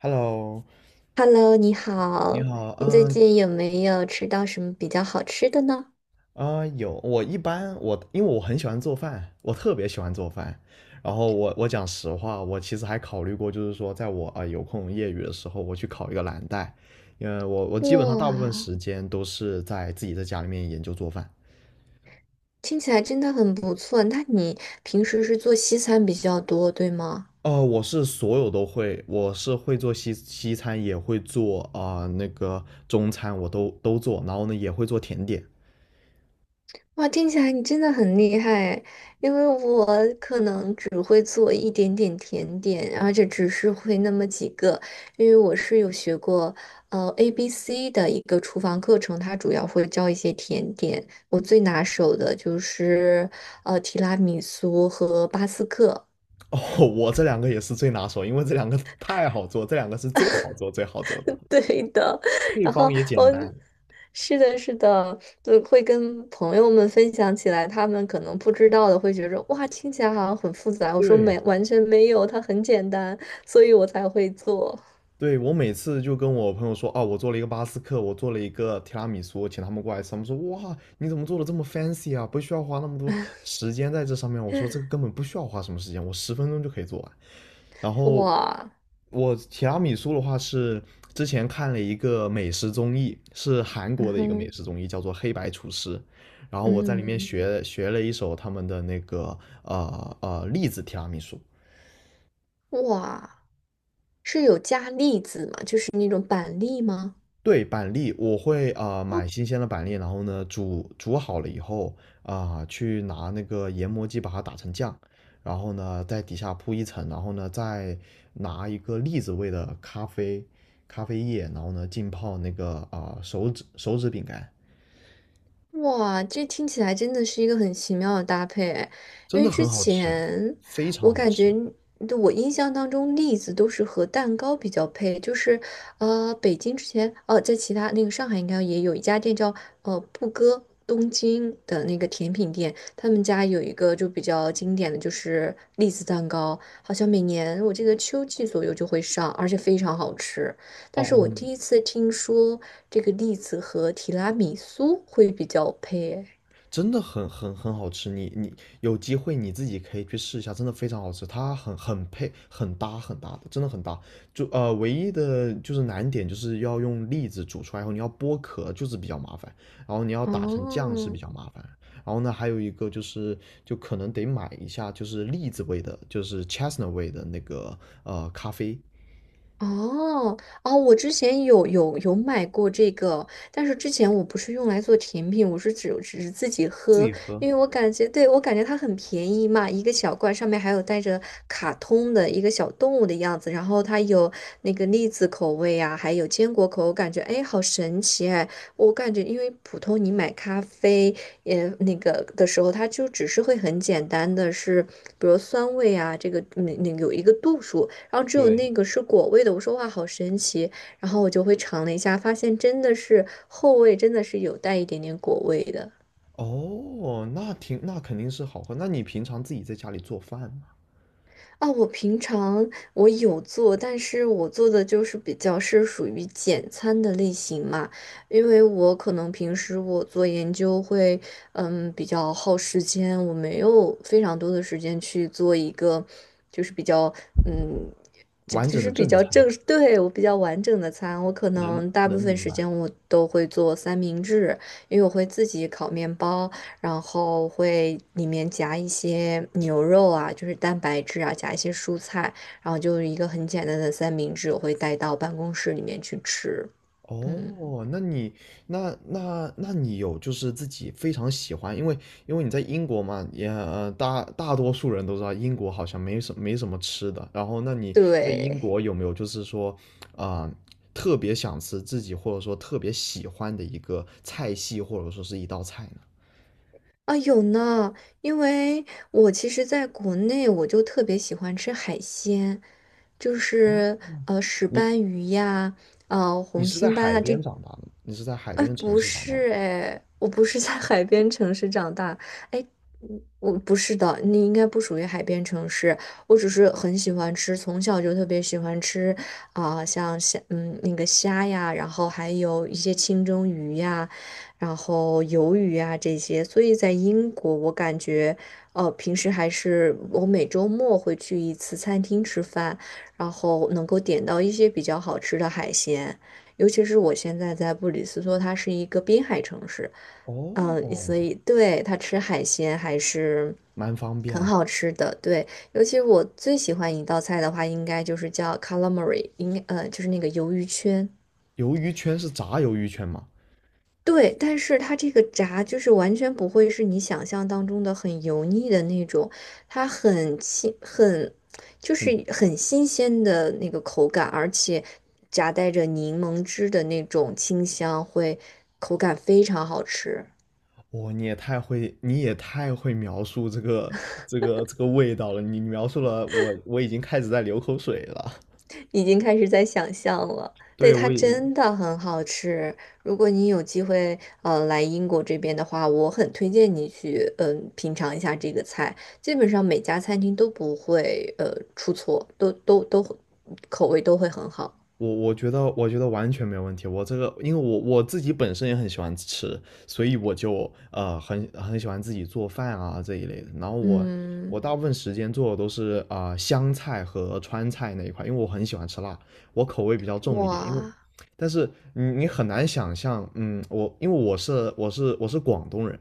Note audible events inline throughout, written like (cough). Hello,Hello，你你好。好。你最近有没有吃到什么比较好吃的呢？有我一般我因为我很喜欢做饭，我特别喜欢做饭。然后我讲实话，我其实还考虑过，就是说，在我有空业余的时候，我去考一个蓝带，因为我基本上大部分哇，时间都是在自己在家里面研究做饭。听起来真的很不错。那你平时是做西餐比较多，对吗？呃，我是所有都会，我是会做西餐，也会做那个中餐，我都做，然后呢也会做甜点。哇，听起来你真的很厉害，因为我可能只会做一点点甜点，而且只是会那么几个，因为我是有学过ABC 的一个厨房课程，它主要会教一些甜点。我最拿手的就是提拉米苏和巴斯克。(laughs) 我这两个也是最拿手，因为这两个太好做，这两个是最好做的，(laughs) 对的。配然后方也我简单。是的，是的，就会跟朋友们分享起来，他们可能不知道的会觉得哇，听起来好像很复杂。我说对，没，完全没有，它很简单，所以我才会做。对,我每次就跟我朋友说，哦，我做了一个巴斯克，我做了一个提拉米苏，请他们过来吃。他们说，哇，你怎么做的这么 fancy 啊？不需要花那么多时间在这上面。我说，这个根本不需要花什么时间，我十分钟就可以做完。然后哇。我提拉米苏的话是之前看了一个美食综艺，是韩嗯国的一个美哼。食综艺，叫做《黑白厨师》。然后我在里面嗯。学了一手他们的那个栗子提拉米苏。哇，是有加粒子吗？就是那种板栗吗？对，板栗我会哦。买新鲜的板栗，然后呢煮好了以后，去拿那个研磨机把它打成酱，然后呢在底下铺一层，然后呢再拿一个栗子味的咖啡液，然后呢浸泡那个手指饼干，哇，这听起来真的是一个很奇妙的搭配哎。因真的为之很好吃，前非我常好感吃。觉，对，我印象当中栗子都是和蛋糕比较配，就是北京之前哦，在其他那个上海应该也有一家店叫布哥东京的那个甜品店，他们家有一个就比较经典的就是栗子蛋糕，好像每年我记得秋季左右就会上，而且非常好吃。但是我哦，第一次听说这个栗子和提拉米苏会比较配诶。真的很好吃，你有机会你自己可以去试一下，真的非常好吃，它很配，很搭的，真的很搭。唯一的就是难点就是要用栗子煮出来后，你要剥壳就是比较麻烦，然后你要打成酱是哦。比较麻烦。然后呢，还有一个就是就可能得买一下就是栗子味的，就是 chestnut 味的那个呃咖啡。哦哦，我之前有买过这个，但是之前我不是用来做甜品，我是只是自己自喝，己喝。因为我感觉，对，我感觉它很便宜嘛，一个小罐上面还有带着卡通的一个小动物的样子，然后它有那个栗子口味啊，还有坚果口，我感觉哎，好神奇哎。我感觉因为普通你买咖啡也那个的时候，它就只是会很简单的是，比如酸味啊，这个那个有一个度数。然后只有对，那个是果味的。我说哇，好神奇！然后我就会尝了一下，发现真的是后味真的是有带一点点果味的。哦，那挺那肯定是好喝。那你平常自己在家里做饭吗？啊，我平常我有做，但是我做的就是比较是属于简餐的类型嘛。因为我可能平时我做研究会，嗯，比较耗时间，我没有非常多的时间去做一个，就是比较，嗯，就完就整的是比正较餐。正，对，我比较完整的餐，我可能能大部能分明时间白。我都会做三明治，因为我会自己烤面包。然后会里面夹一些牛肉啊，就是蛋白质啊，夹一些蔬菜，然后就是一个很简单的三明治，我会带到办公室里面去吃。嗯。哦，那你那你有就是自己非常喜欢，因为因为你在英国嘛，也呃大大多数人都知道英国好像没什么吃的。然后，那你在英对。国有没有就是说啊、特别想吃自己或者说特别喜欢的一个菜系或者说是一道菜呢？啊，有呢，因为我其实在国内我就特别喜欢吃海鲜，就哦，是石你斑鱼呀，你红是在心斑海啊，边这长大的吗？你是在海哎，边的城不市长大的。是哎，我不是在海边城市长大。哎，嗯，我不是的，你应该不属于海边城市。我只是很喜欢吃，从小就特别喜欢吃像虾，嗯，那个虾呀，然后还有一些清蒸鱼呀，然后鱿鱼呀这些。所以在英国，我感觉，哦，平时还是我每周末会去一次餐厅吃饭，然后能够点到一些比较好吃的海鲜。尤其是我现在在布里斯托，它是一个滨海城市，嗯，所哦，以对它吃海鲜还是蛮方很便。好吃的。对，尤其我最喜欢一道菜的话，应该就是叫 calamari，应该就是那个鱿鱼圈。鱿鱼圈是炸鱿鱼圈吗？对，但是它这个炸就是完全不会是你想象当中的很油腻的那种，它很新，很就是很新鲜的那个口感，而且夹带着柠檬汁的那种清香，会口感非常好吃。哇，你也太会描述这个味道了。你描述了我，我已经开始在流口水了。已经开始在想象了。对，对，它我已真的很好吃。如果你有机会，来英国这边的话，我很推荐你去，品尝一下这个菜。基本上每家餐厅都不会，出错，都口味都会很好。我觉得我觉得完全没有问题。我这个因为我我自己本身也很喜欢吃，所以我就很喜欢自己做饭啊这一类的。然后我嗯。大部分时间做的都是湘菜和川菜那一块，因为我很喜欢吃辣，我口味比较重一点，因为。哇。但是你很难想象，嗯，我因为我是广东人，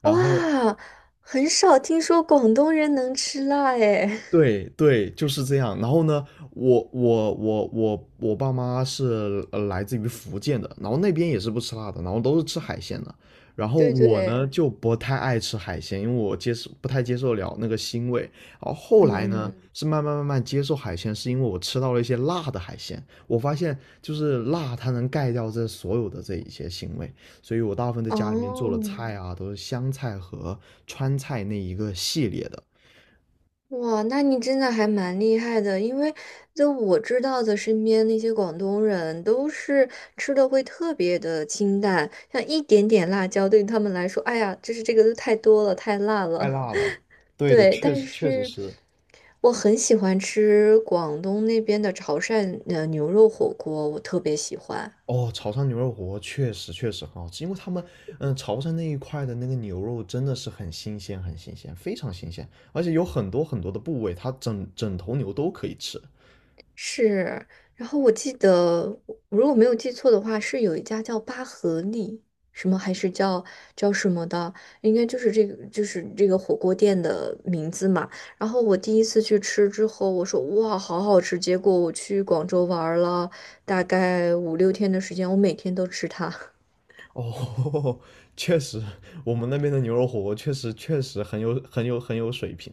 然后哇，很少听说广东人能吃辣诶。对对，就是这样。然后呢，我我爸妈是呃来自于福建的，然后那边也是不吃辣的，然后都是吃海鲜的。然 (laughs) 后对我呢对。就不太爱吃海鲜，因为我接受不太接受了那个腥味。然后后来嗯呢嗯。是慢慢接受海鲜，是因为我吃到了一些辣的海鲜，我发现就是辣它能盖掉这所有的这一些腥味，所以我大部分在家里面做了哦。菜啊，都是湘菜和川菜那一个系列的。哇，那你真的还蛮厉害的，因为就我知道的，身边那些广东人都是吃的会特别的清淡，像一点点辣椒对于他们来说，哎呀，就是这个都太多了，太辣太了。辣了。(laughs) 对的，对，确但实确实是是。我很喜欢吃广东那边的潮汕牛肉火锅，我特别喜欢。哦，潮汕牛肉火锅确实很好吃，因为他们嗯潮汕那一块的那个牛肉真的是很新鲜，非常新鲜，而且有很多的部位，它整整头牛都可以吃。是，然后我记得，我如果没有记错的话，是有一家叫巴合利，什么还是叫什么的，应该就是这个，就是这个火锅店的名字嘛。然后我第一次去吃之后，我说哇，好好吃。结果我去广州玩儿了大概五六天的时间，我每天都吃它。哦，(laughs) 确实，我们那边的牛肉火锅确实很有水平。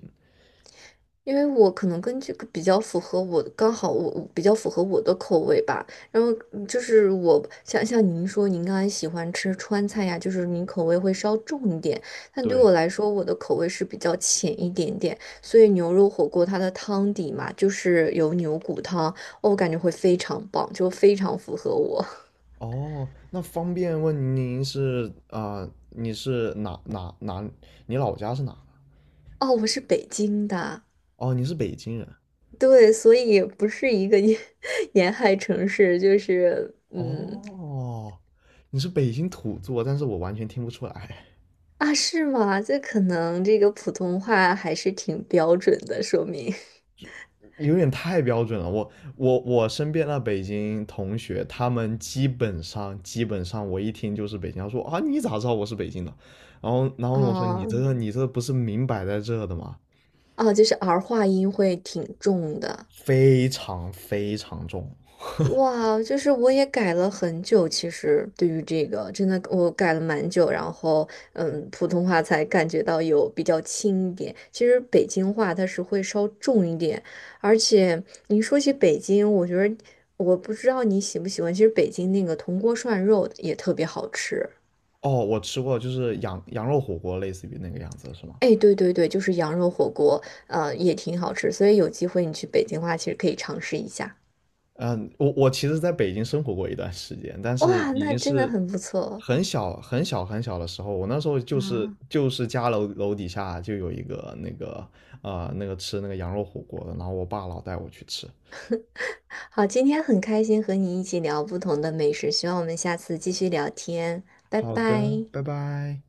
因为我可能跟这个比较符合我，刚好我比较符合我的口味吧。然后就是我像您说，您刚才喜欢吃川菜呀，就是您口味会稍重一点。但对我对，来说，我的口味是比较浅一点点，所以牛肉火锅它的汤底嘛，就是有牛骨汤，哦，我感觉会非常棒，就非常符合我。(laughs) 哦，那方便问您是你是哪？你老家是哪？哦，我是北京的。哦，你是北京人。对，所以不是一个沿 (laughs) 沿海城市，就是嗯，哦，你是北京土著，但是我完全听不出来，啊，是吗？这可能这个普通话还是挺标准的，说明。有点太标准了。我我身边的北京同学，他们基本上，我一听就是北京，他说啊，你咋知道我是北京的？然后(laughs) 我说你哦。这个你这不是明摆在这的吗？哦，就是儿化音会挺重的。非常非常重。哇，就是我也改了很久，其实对于这个，真的我改了蛮久，然后嗯，普通话才感觉到有比较轻一点。其实北京话它是会稍重一点，而且你说起北京，我觉得我不知道你喜不喜欢，其实北京那个铜锅涮肉也特别好吃。哦，我吃过，就是羊肉火锅，类似于那个样子，是吗？哎，对对对，就是羊肉火锅，也挺好吃，所以有机会你去北京的话，其实可以尝试一下。嗯，我其实在北京生活过一段时间，但是哇，已那经真的是很不错很小的时候。我那时候就是啊！就是家楼底下就有一个那个那个吃那个羊肉火锅的，然后我爸老带我去吃。好，今天很开心和你一起聊不同的美食，希望我们下次继续聊天，拜好的，拜。拜拜。